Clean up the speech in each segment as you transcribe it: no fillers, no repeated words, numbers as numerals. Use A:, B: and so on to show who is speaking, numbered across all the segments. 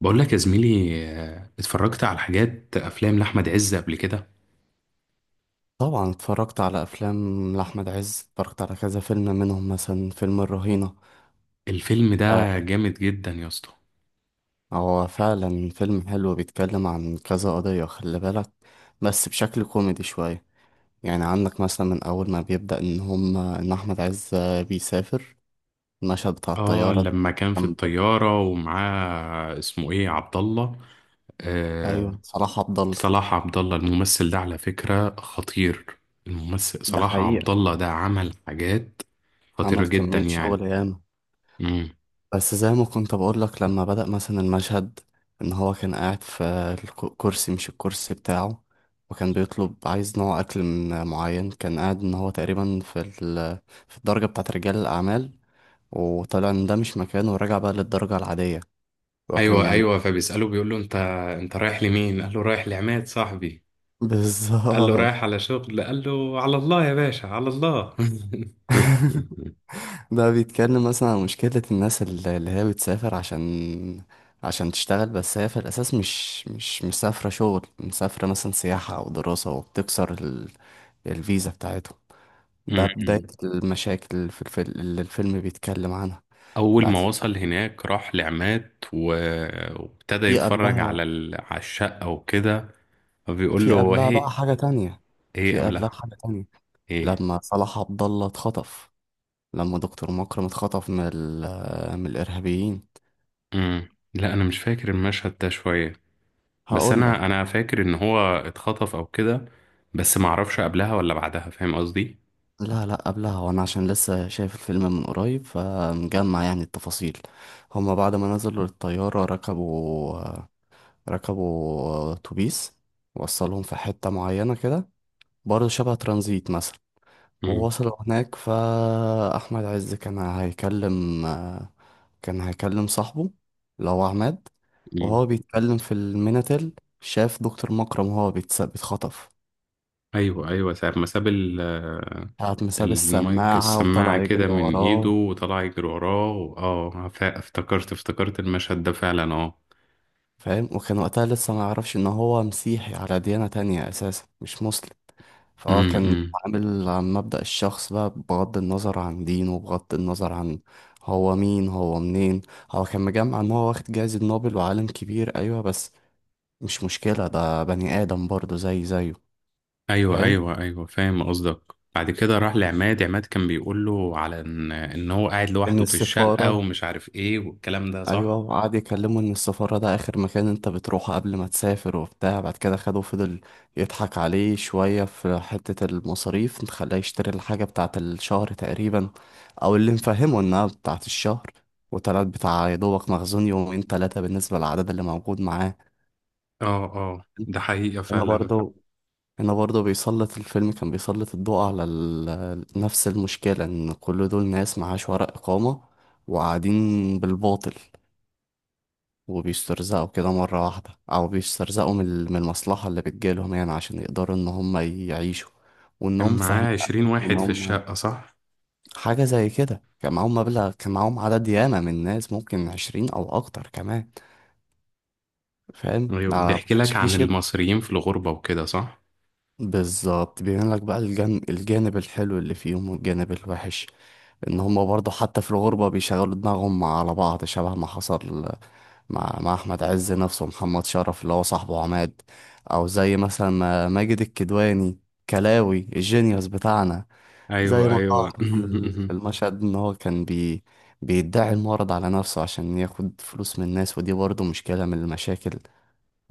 A: بقول لك يا زميلي، اتفرجت على حاجات افلام لاحمد عز قبل كده.
B: طبعا اتفرجت على افلام لاحمد عز، اتفرجت على كذا فيلم منهم مثلا فيلم الرهينه.
A: الفيلم ده
B: آه.
A: جامد جدا يا اسطى.
B: هو فعلا فيلم حلو بيتكلم عن كذا قضيه، خلي بالك، بس بشكل كوميدي شويه. يعني عندك مثلا من اول ما بيبدا ان احمد عز بيسافر. المشهد بتاع
A: اه،
B: الطياره ده.
A: لما كان في
B: جنب.
A: الطياره ومعاه اسمه ايه، عبد الله. آه،
B: ايوه، صلاح عبد الله.
A: صلاح عبد الله. الممثل ده على فكره خطير. الممثل
B: ده
A: صلاح عبد
B: حقيقه.
A: الله ده عمل حاجات خطيره
B: عمل
A: جدا
B: كميه شغل
A: يعني.
B: ياما.
A: امم.
B: بس زي ما كنت بقول لك، لما بدأ مثلا المشهد ان هو كان قاعد في الكرسي، مش الكرسي بتاعه. وكان بيطلب عايز نوع اكل من معين، كان قاعد ان هو تقريبا في الدرجة بتاعه رجال الاعمال. وطلع ان ده مش مكانه ورجع بقى للدرجة العادية. وكان
A: ايوه،
B: جنب.
A: ايوه، فبيساله بيقول له: انت رايح لمين؟ قال له: رايح لعماد صاحبي. قال له:
B: بالظبط.
A: رايح على شغل؟ قال له: على الله يا باشا، على الله.
B: ده بيتكلم مثلا عن مشكلة الناس اللي هي بتسافر عشان تشتغل، بس هي في الأساس مش مسافرة شغل، مسافرة مثلا سياحة أو دراسة، وبتكسر الفيزا بتاعتهم. ده بداية
A: م-م.
B: المشاكل في الفيلم اللي الفيلم بيتكلم عنها.
A: أول
B: بعد
A: ما
B: كده.
A: وصل هناك راح لعماد وابتدى
B: في
A: يتفرج
B: قبلها.
A: على الشقة وكده. فبيقول
B: في
A: له
B: قبلها
A: هي
B: بقى حاجة تانية.
A: هي
B: في قبلها
A: قبلها
B: حاجة تانية.
A: ايه؟
B: لما صلاح عبد الله اتخطف، لما دكتور مكرم اتخطف من الإرهابيين.
A: مم. لا، أنا مش فاكر المشهد ده شوية، بس
B: هقول لك.
A: أنا فاكر إن هو اتخطف أو كده، بس معرفش قبلها ولا بعدها، فاهم قصدي؟
B: لا، لا، قبلها، وانا عشان لسه شايف الفيلم من قريب فمجمع يعني التفاصيل. هما بعد ما نزلوا للطيارة، ركبوا اتوبيس. وصلهم في حتة معينة كده، برضه شبه ترانزيت مثلا.
A: مم.
B: ووصلوا هناك فأحمد عز كان هيكلم صاحبه اللي هو عماد.
A: مم.
B: وهو بيتكلم في الميناتيل، شاف دكتور مكرم وهو بيتخطف.
A: أيوه، أيوه، ساعة ما ساب
B: قعد مساب
A: المايك،
B: السماعة
A: السماعة
B: وطلع
A: كده
B: يجري
A: من ايده
B: وراه.
A: وطلع يجري وراه. افتكرت المشهد ده فعلا، اه.
B: فاهم. وكان وقتها لسه ما يعرفش ان هو مسيحي، على ديانة تانية اساسا، مش مسلم. فهو
A: امم.
B: كان
A: إمم.
B: عامل عن مبدأ الشخص بقى، بغض النظر عن دينه، بغض النظر عن هو مين هو منين. هو كان مجمع ان هو واخد جايزة نوبل وعالم كبير، ايوه، بس مش مشكلة، ده بني آدم برضه زي زيه.
A: ايوه،
B: فاهم.
A: ايوه، ايوه، فاهم قصدك. بعد كده راح لعماد. عماد كان بيقول له على ان هو قاعد
B: ان
A: لوحده في الشقة
B: السفارة.
A: ومش عارف ايه، والكلام ده
B: ايوه،
A: صح.
B: وقعد يكلمه ان السفارة ده اخر مكان انت بتروحه قبل ما تسافر وبتاع. بعد كده خده فضل يضحك عليه شوية في حتة المصاريف، خلاه يشتري الحاجة بتاعة الشهر تقريبا، او اللي مفهمه انها بتاعة الشهر. وطلعت بتاع يا دوبك مخزون يومين تلاتة بالنسبة للعدد اللي موجود معاه.
A: اه، اه، ده حقيقة
B: هنا
A: فعلا.
B: برضو هنا برضو بيسلط الفيلم كان بيسلط الضوء على نفس المشكلة، ان كل دول ناس معاش ورق إقامة وقاعدين بالباطل. وبيسترزقوا كده مرة واحدة، أو بيسترزقوا من المصلحة اللي بتجيلهم يعني عشان يقدروا إن هم يعيشوا،
A: كان
B: وإنهم فاهمين.
A: معاه 20
B: إن
A: واحد في
B: هم
A: الشقة صح؟
B: حاجة زي كده، كان معاهم مبلغ، كان معاهم عدد ياما من الناس، ممكن 20 أو أكتر كمان. فاهم،
A: ايوه،
B: ده ما
A: بيحكي لك
B: كانش فيه
A: عن
B: شبع.
A: المصريين في الغربة وكده صح.
B: بالظبط، بيبين لك بقى الجانب الحلو اللي فيهم والجانب الوحش. ان هما برضه حتى في الغربة بيشغلوا دماغهم على بعض، شبه ما حصل مع احمد عز نفسه، ومحمد شرف اللي هو صاحبه عماد. او زي مثلا ما ماجد الكدواني، كلاوي الجينيوس بتاعنا. زي
A: ايوه،
B: ما ظهر
A: ايوه،
B: في المشهد ان هو كان بيدعي المرض على نفسه عشان ياخد فلوس من الناس، ودي برضه مشكلة من المشاكل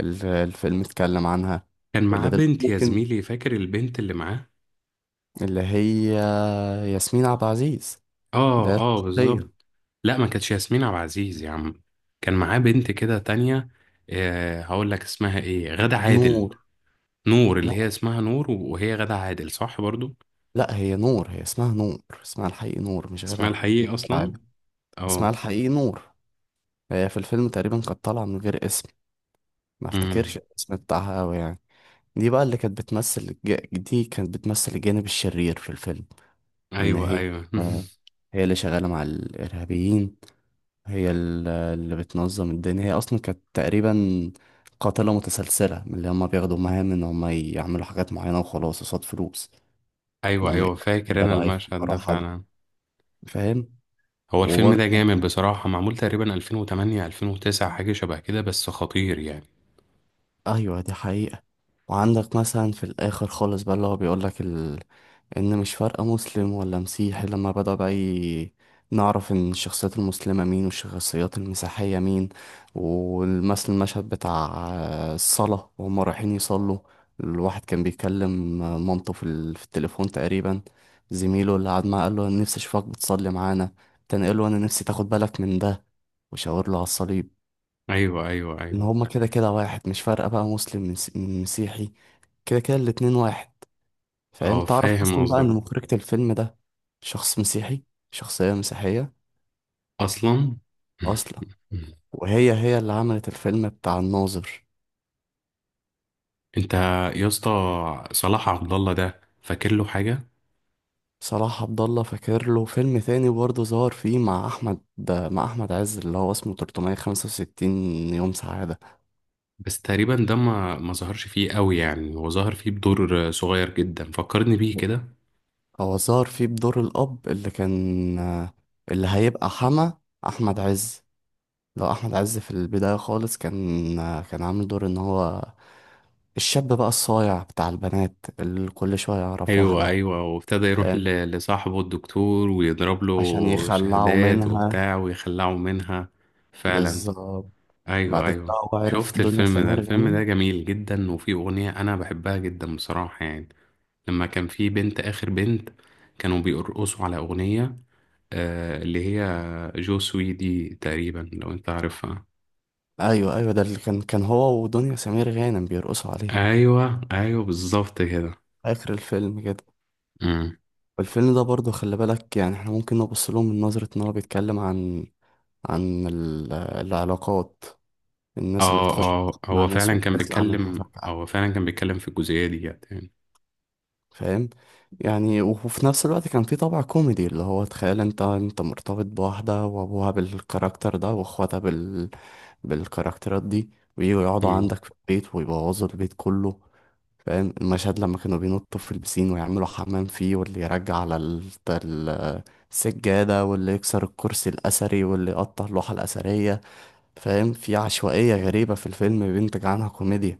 B: اللي الفيلم اتكلم عنها.
A: كان
B: اللي
A: معاه
B: دلوقتي
A: بنت يا
B: ممكن.
A: زميلي، فاكر البنت اللي معاه؟
B: اللي هي. ياسمين عبد العزيز. اللي هي
A: اه، اه، بالظبط.
B: الطاقية.
A: لا، ما كانتش ياسمين عبد العزيز يا عم. كان معاه بنت كده تانية. آه، هقول لك اسمها ايه، غادة عادل.
B: نور.
A: نور،
B: لا،
A: اللي هي اسمها نور، وهي غادة عادل صح برضو.
B: لا، هي نور، هي اسمها نور، اسمها الحقيقي نور، مش
A: اسمها
B: غادة
A: الحقيقي اصلا.
B: عادل. اسمها
A: اه.
B: الحقيقي نور. هي في الفيلم تقريبا كانت طالعة من غير اسم، ما
A: امم.
B: افتكرش الاسم بتاعها أوي يعني. دي بقى اللي كانت بتمثل الج- دي كانت بتمثل الجانب الشرير في الفيلم. إن
A: ايوه،
B: هي
A: ايوه،
B: آه، هي اللي شغالة مع الإرهابيين. هي اللي بتنظم الدنيا، هي اصلا كانت تقريبا قاتلة متسلسلة، من اللي هما بياخدوا مهام ان هما يعملوا حاجات معينة وخلاص قصاد فلوس. ان
A: ايوه،
B: هما.
A: ايوه، فاكر
B: ده
A: انا
B: بقى
A: المشهد
B: يفكروا
A: ده
B: حد.
A: فعلا.
B: فاهم.
A: هو الفيلم
B: وبرضه.
A: ده جامد بصراحة، معمول تقريبا 2008، 2009، حاجة شبه كده، بس خطير يعني.
B: ايوه، دي حقيقة. وعندك مثلا في الاخر خالص بقى اللي هو بيقول لك ان مش فارقه مسلم ولا مسيحي، لما بدأ بقى نعرف ان الشخصيات المسلمه مين والشخصيات المسيحيه مين. والمثل المشهد بتاع الصلاه وهم رايحين يصلوا، الواحد كان بيكلم مامته في التليفون تقريبا. زميله اللي قعد معاه قال له انا نفسي اشوفك بتصلي معانا، تاني قال له انا نفسي تاخد بالك من ده، وشاور له على الصليب.
A: ايوه، ايوه،
B: ان
A: ايوه،
B: هما كده كده واحد، مش فارقه بقى مسلم من مسيحي، كده كده الاتنين واحد. فاهم،
A: اه،
B: تعرف
A: فاهم
B: اصلا بقى ان
A: قصدك.
B: مخرجة الفيلم ده شخص مسيحي، شخصية مسيحية
A: اصلا.
B: اصلا. وهي اللي عملت الفيلم بتاع الناظر.
A: انت يا اسطى، صلاح عبد الله ده فاكر له حاجه؟
B: صلاح عبد الله فاكر له فيلم تاني برضه ظهر فيه مع احمد عز اللي هو اسمه 365 يوم سعادة.
A: بس تقريبا ده ما ظهرش فيه قوي يعني، هو ظهر فيه بدور صغير جدا، فكرني بيه كده.
B: هو ظهر فيه بدور الاب اللي هيبقى حما احمد عز. لو احمد عز في البدايه خالص كان عامل دور ان هو الشاب بقى الصايع بتاع البنات اللي كل شويه يعرف
A: ايوه،
B: واحده.
A: ايوه، وابتدى يروح
B: فاهم،
A: لصاحبه الدكتور ويضرب
B: عشان
A: له
B: يخلعوا
A: شهادات
B: منها.
A: وبتاع ويخلعه منها، فعلا.
B: بالظبط. بعد
A: ايوه،
B: كده
A: ايوه.
B: هو عرف
A: شفت
B: دنيا
A: الفيلم ده؟
B: سمير
A: الفيلم
B: غانم.
A: ده جميل جدا، وفيه اغنيه انا بحبها جدا بصراحه يعني. لما كان فيه بنت، اخر بنت، كانوا بيرقصوا على اغنيه اللي هي جو سوي دي تقريبا، لو انت عارفها.
B: ايوه، ايوه، ده اللي كان هو ودنيا سمير غانم بيرقصوا عليه.
A: ايوه، ايوه، بالظبط كده.
B: اخر الفيلم كده.
A: امم.
B: والفيلم ده برضه خلي بالك، يعني احنا ممكن نبص لهم من نظره ان هو بيتكلم العلاقات، الناس اللي
A: اه،
B: بتخش
A: اه،
B: مع
A: هو
B: ناس
A: فعلا كان
B: وبتخلع منها
A: بيتكلم
B: فجأة.
A: هو فعلا كان بيتكلم في الجزئيه دي يعني.
B: فاهم، يعني وفي نفس الوقت كان في طابع كوميدي اللي هو تخيل انت مرتبط بواحدة وابوها بالكاركتر ده واخواتها بالكاركترات دي، ويجوا يقعدوا
A: امم.
B: عندك في البيت ويبوظوا البيت كله. فاهم المشهد لما كانوا بينطوا في البسين ويعملوا حمام فيه، واللي يرجع على ال- السجادة، واللي يكسر الكرسي الأثري، واللي يقطع اللوحة الأثرية. فاهم، في عشوائية غريبة في الفيلم بينتج عنها كوميديا.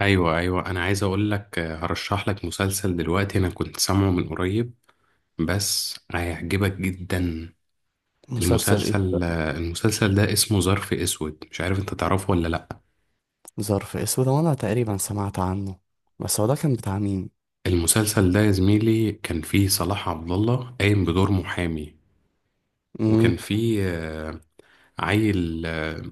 A: ايوه، ايوه، انا عايز اقول لك، هرشح لك مسلسل دلوقتي، انا كنت سامعه من قريب، بس هيعجبك جدا.
B: مسلسل ايه؟
A: المسلسل ده اسمه ظرف اسود، مش عارف انت تعرفه ولا لا.
B: ظرف اسود، وانا تقريبا سمعت عنه، بس هو ده كان بتاع مين؟
A: المسلسل ده يا زميلي كان فيه صلاح عبد الله قايم بدور محامي، وكان
B: امم.
A: في عيل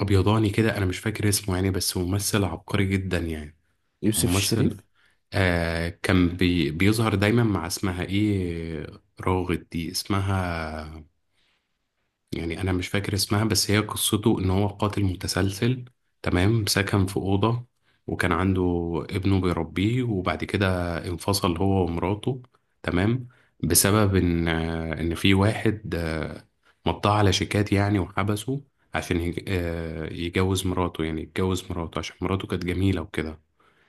A: ابيضاني كده، انا مش فاكر اسمه يعني، بس ممثل عبقري جدا يعني.
B: يوسف
A: ممثل
B: الشريف.
A: كان بيظهر دايما مع اسمها ايه، راغد دي اسمها، يعني انا مش فاكر اسمها. بس هي قصته ان هو قاتل متسلسل، تمام، سكن في اوضه، وكان عنده ابنه بيربيه، وبعد كده انفصل هو ومراته، تمام، بسبب ان في واحد مضاه على شيكات يعني وحبسه عشان يجوز مراته يعني يتجوز مراته، عشان مراته كانت جميله وكده.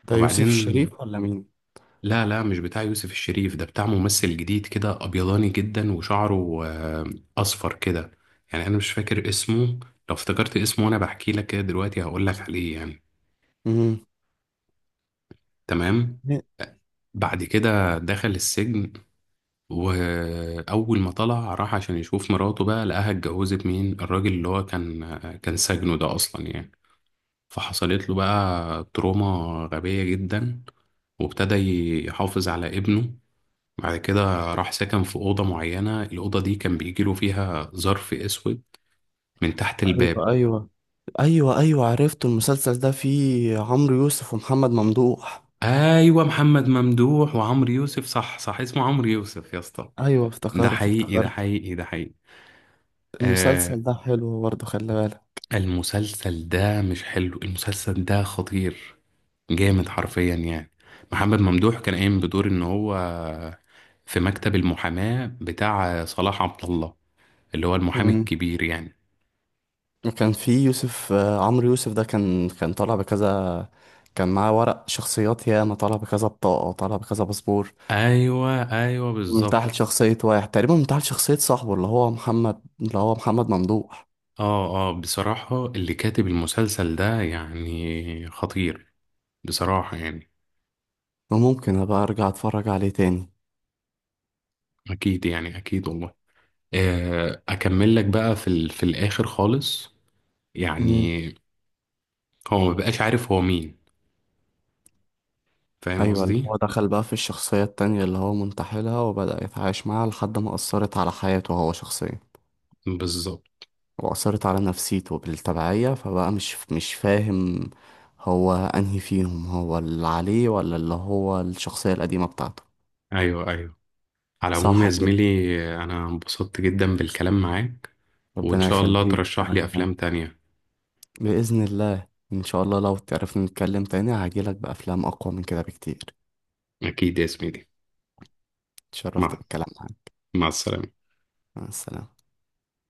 B: ده يوسف
A: فبعدين،
B: الشريف ولا مين؟
A: لا، لا، مش بتاع يوسف الشريف ده، بتاع ممثل جديد كده ابيضاني جدا، وشعره اصفر كده، يعني انا مش فاكر اسمه. لو افتكرت اسمه وانا بحكي لك كده دلوقتي هقول لك عليه يعني.
B: امم.
A: تمام. بعد كده دخل السجن، واول ما طلع راح عشان يشوف مراته، بقى لقاها اتجوزت مين، الراجل اللي هو كان سجنه ده اصلا يعني. فحصلت له بقى تروما غبية جدا، وابتدى يحافظ على ابنه. بعد كده راح سكن في أوضة معينة، الأوضة دي كان بيجيله فيها ظرف أسود من تحت الباب.
B: ايوه، ايوه، ايوه، ايوه، عرفته، المسلسل ده فيه عمرو يوسف ومحمد ممدوح.
A: أيوة، محمد ممدوح وعمرو يوسف، صح، صح، اسمه عمرو يوسف يا اسطى.
B: ايوه،
A: ده
B: افتكرت
A: حقيقي، ده
B: افتكرت.
A: حقيقي، ده حقيقي. آه.
B: المسلسل ده حلو برضه، خلي بالك.
A: المسلسل ده مش حلو، المسلسل ده خطير، جامد حرفيا يعني. محمد ممدوح كان قايم بدور إن هو في مكتب المحاماة بتاع صلاح عبد الله، اللي هو المحامي
B: امم.
A: الكبير يعني.
B: وكان فيه يوسف آه، عمرو يوسف ده كان طالع بكذا، كان معاه ورق شخصيات ياما، طالع بكذا بطاقة، طالع بكذا باسبور،
A: ايوه، ايوه، بالظبط.
B: منتحل شخصية واحد، تقريبا منتحل شخصية صاحبه اللي هو محمد ممدوح.
A: اه، اه، بصراحة اللي كاتب المسلسل ده يعني خطير، بصراحة يعني.
B: وممكن أبقى أرجع أتفرج عليه تاني.
A: أكيد يعني، أكيد والله. أكمل لك بقى في الآخر خالص
B: امم.
A: يعني، هو ما بقاش عارف هو مين، فاهم
B: أيوة، اللي
A: قصدي؟
B: هو دخل بقى في الشخصية التانية اللي هو منتحلها، وبدأ يتعايش معاها لحد ما أثرت على حياته هو شخصيا،
A: بالظبط.
B: وأثرت على نفسيته بالتبعية، فبقى مش فاهم، هو أنهي فيهم، هو اللي عليه ولا اللي هو الشخصية القديمة بتاعته.
A: أيوه، أيوه. على العموم يا
B: صح كده؟
A: زميلي، أنا انبسطت جدا بالكلام معاك، وإن
B: ربنا
A: شاء الله
B: يخليك،
A: ترشح
B: أنا
A: لي
B: كمان.
A: أفلام تانية.
B: بإذن الله. إن شاء الله لو تعرفنا نتكلم تاني هجيلك بأفلام أقوى من كده بكتير.
A: أكيد يا زميلي.
B: اتشرفت
A: مع
B: بالكلام معاك.
A: مع السلامة.
B: مع السلامة.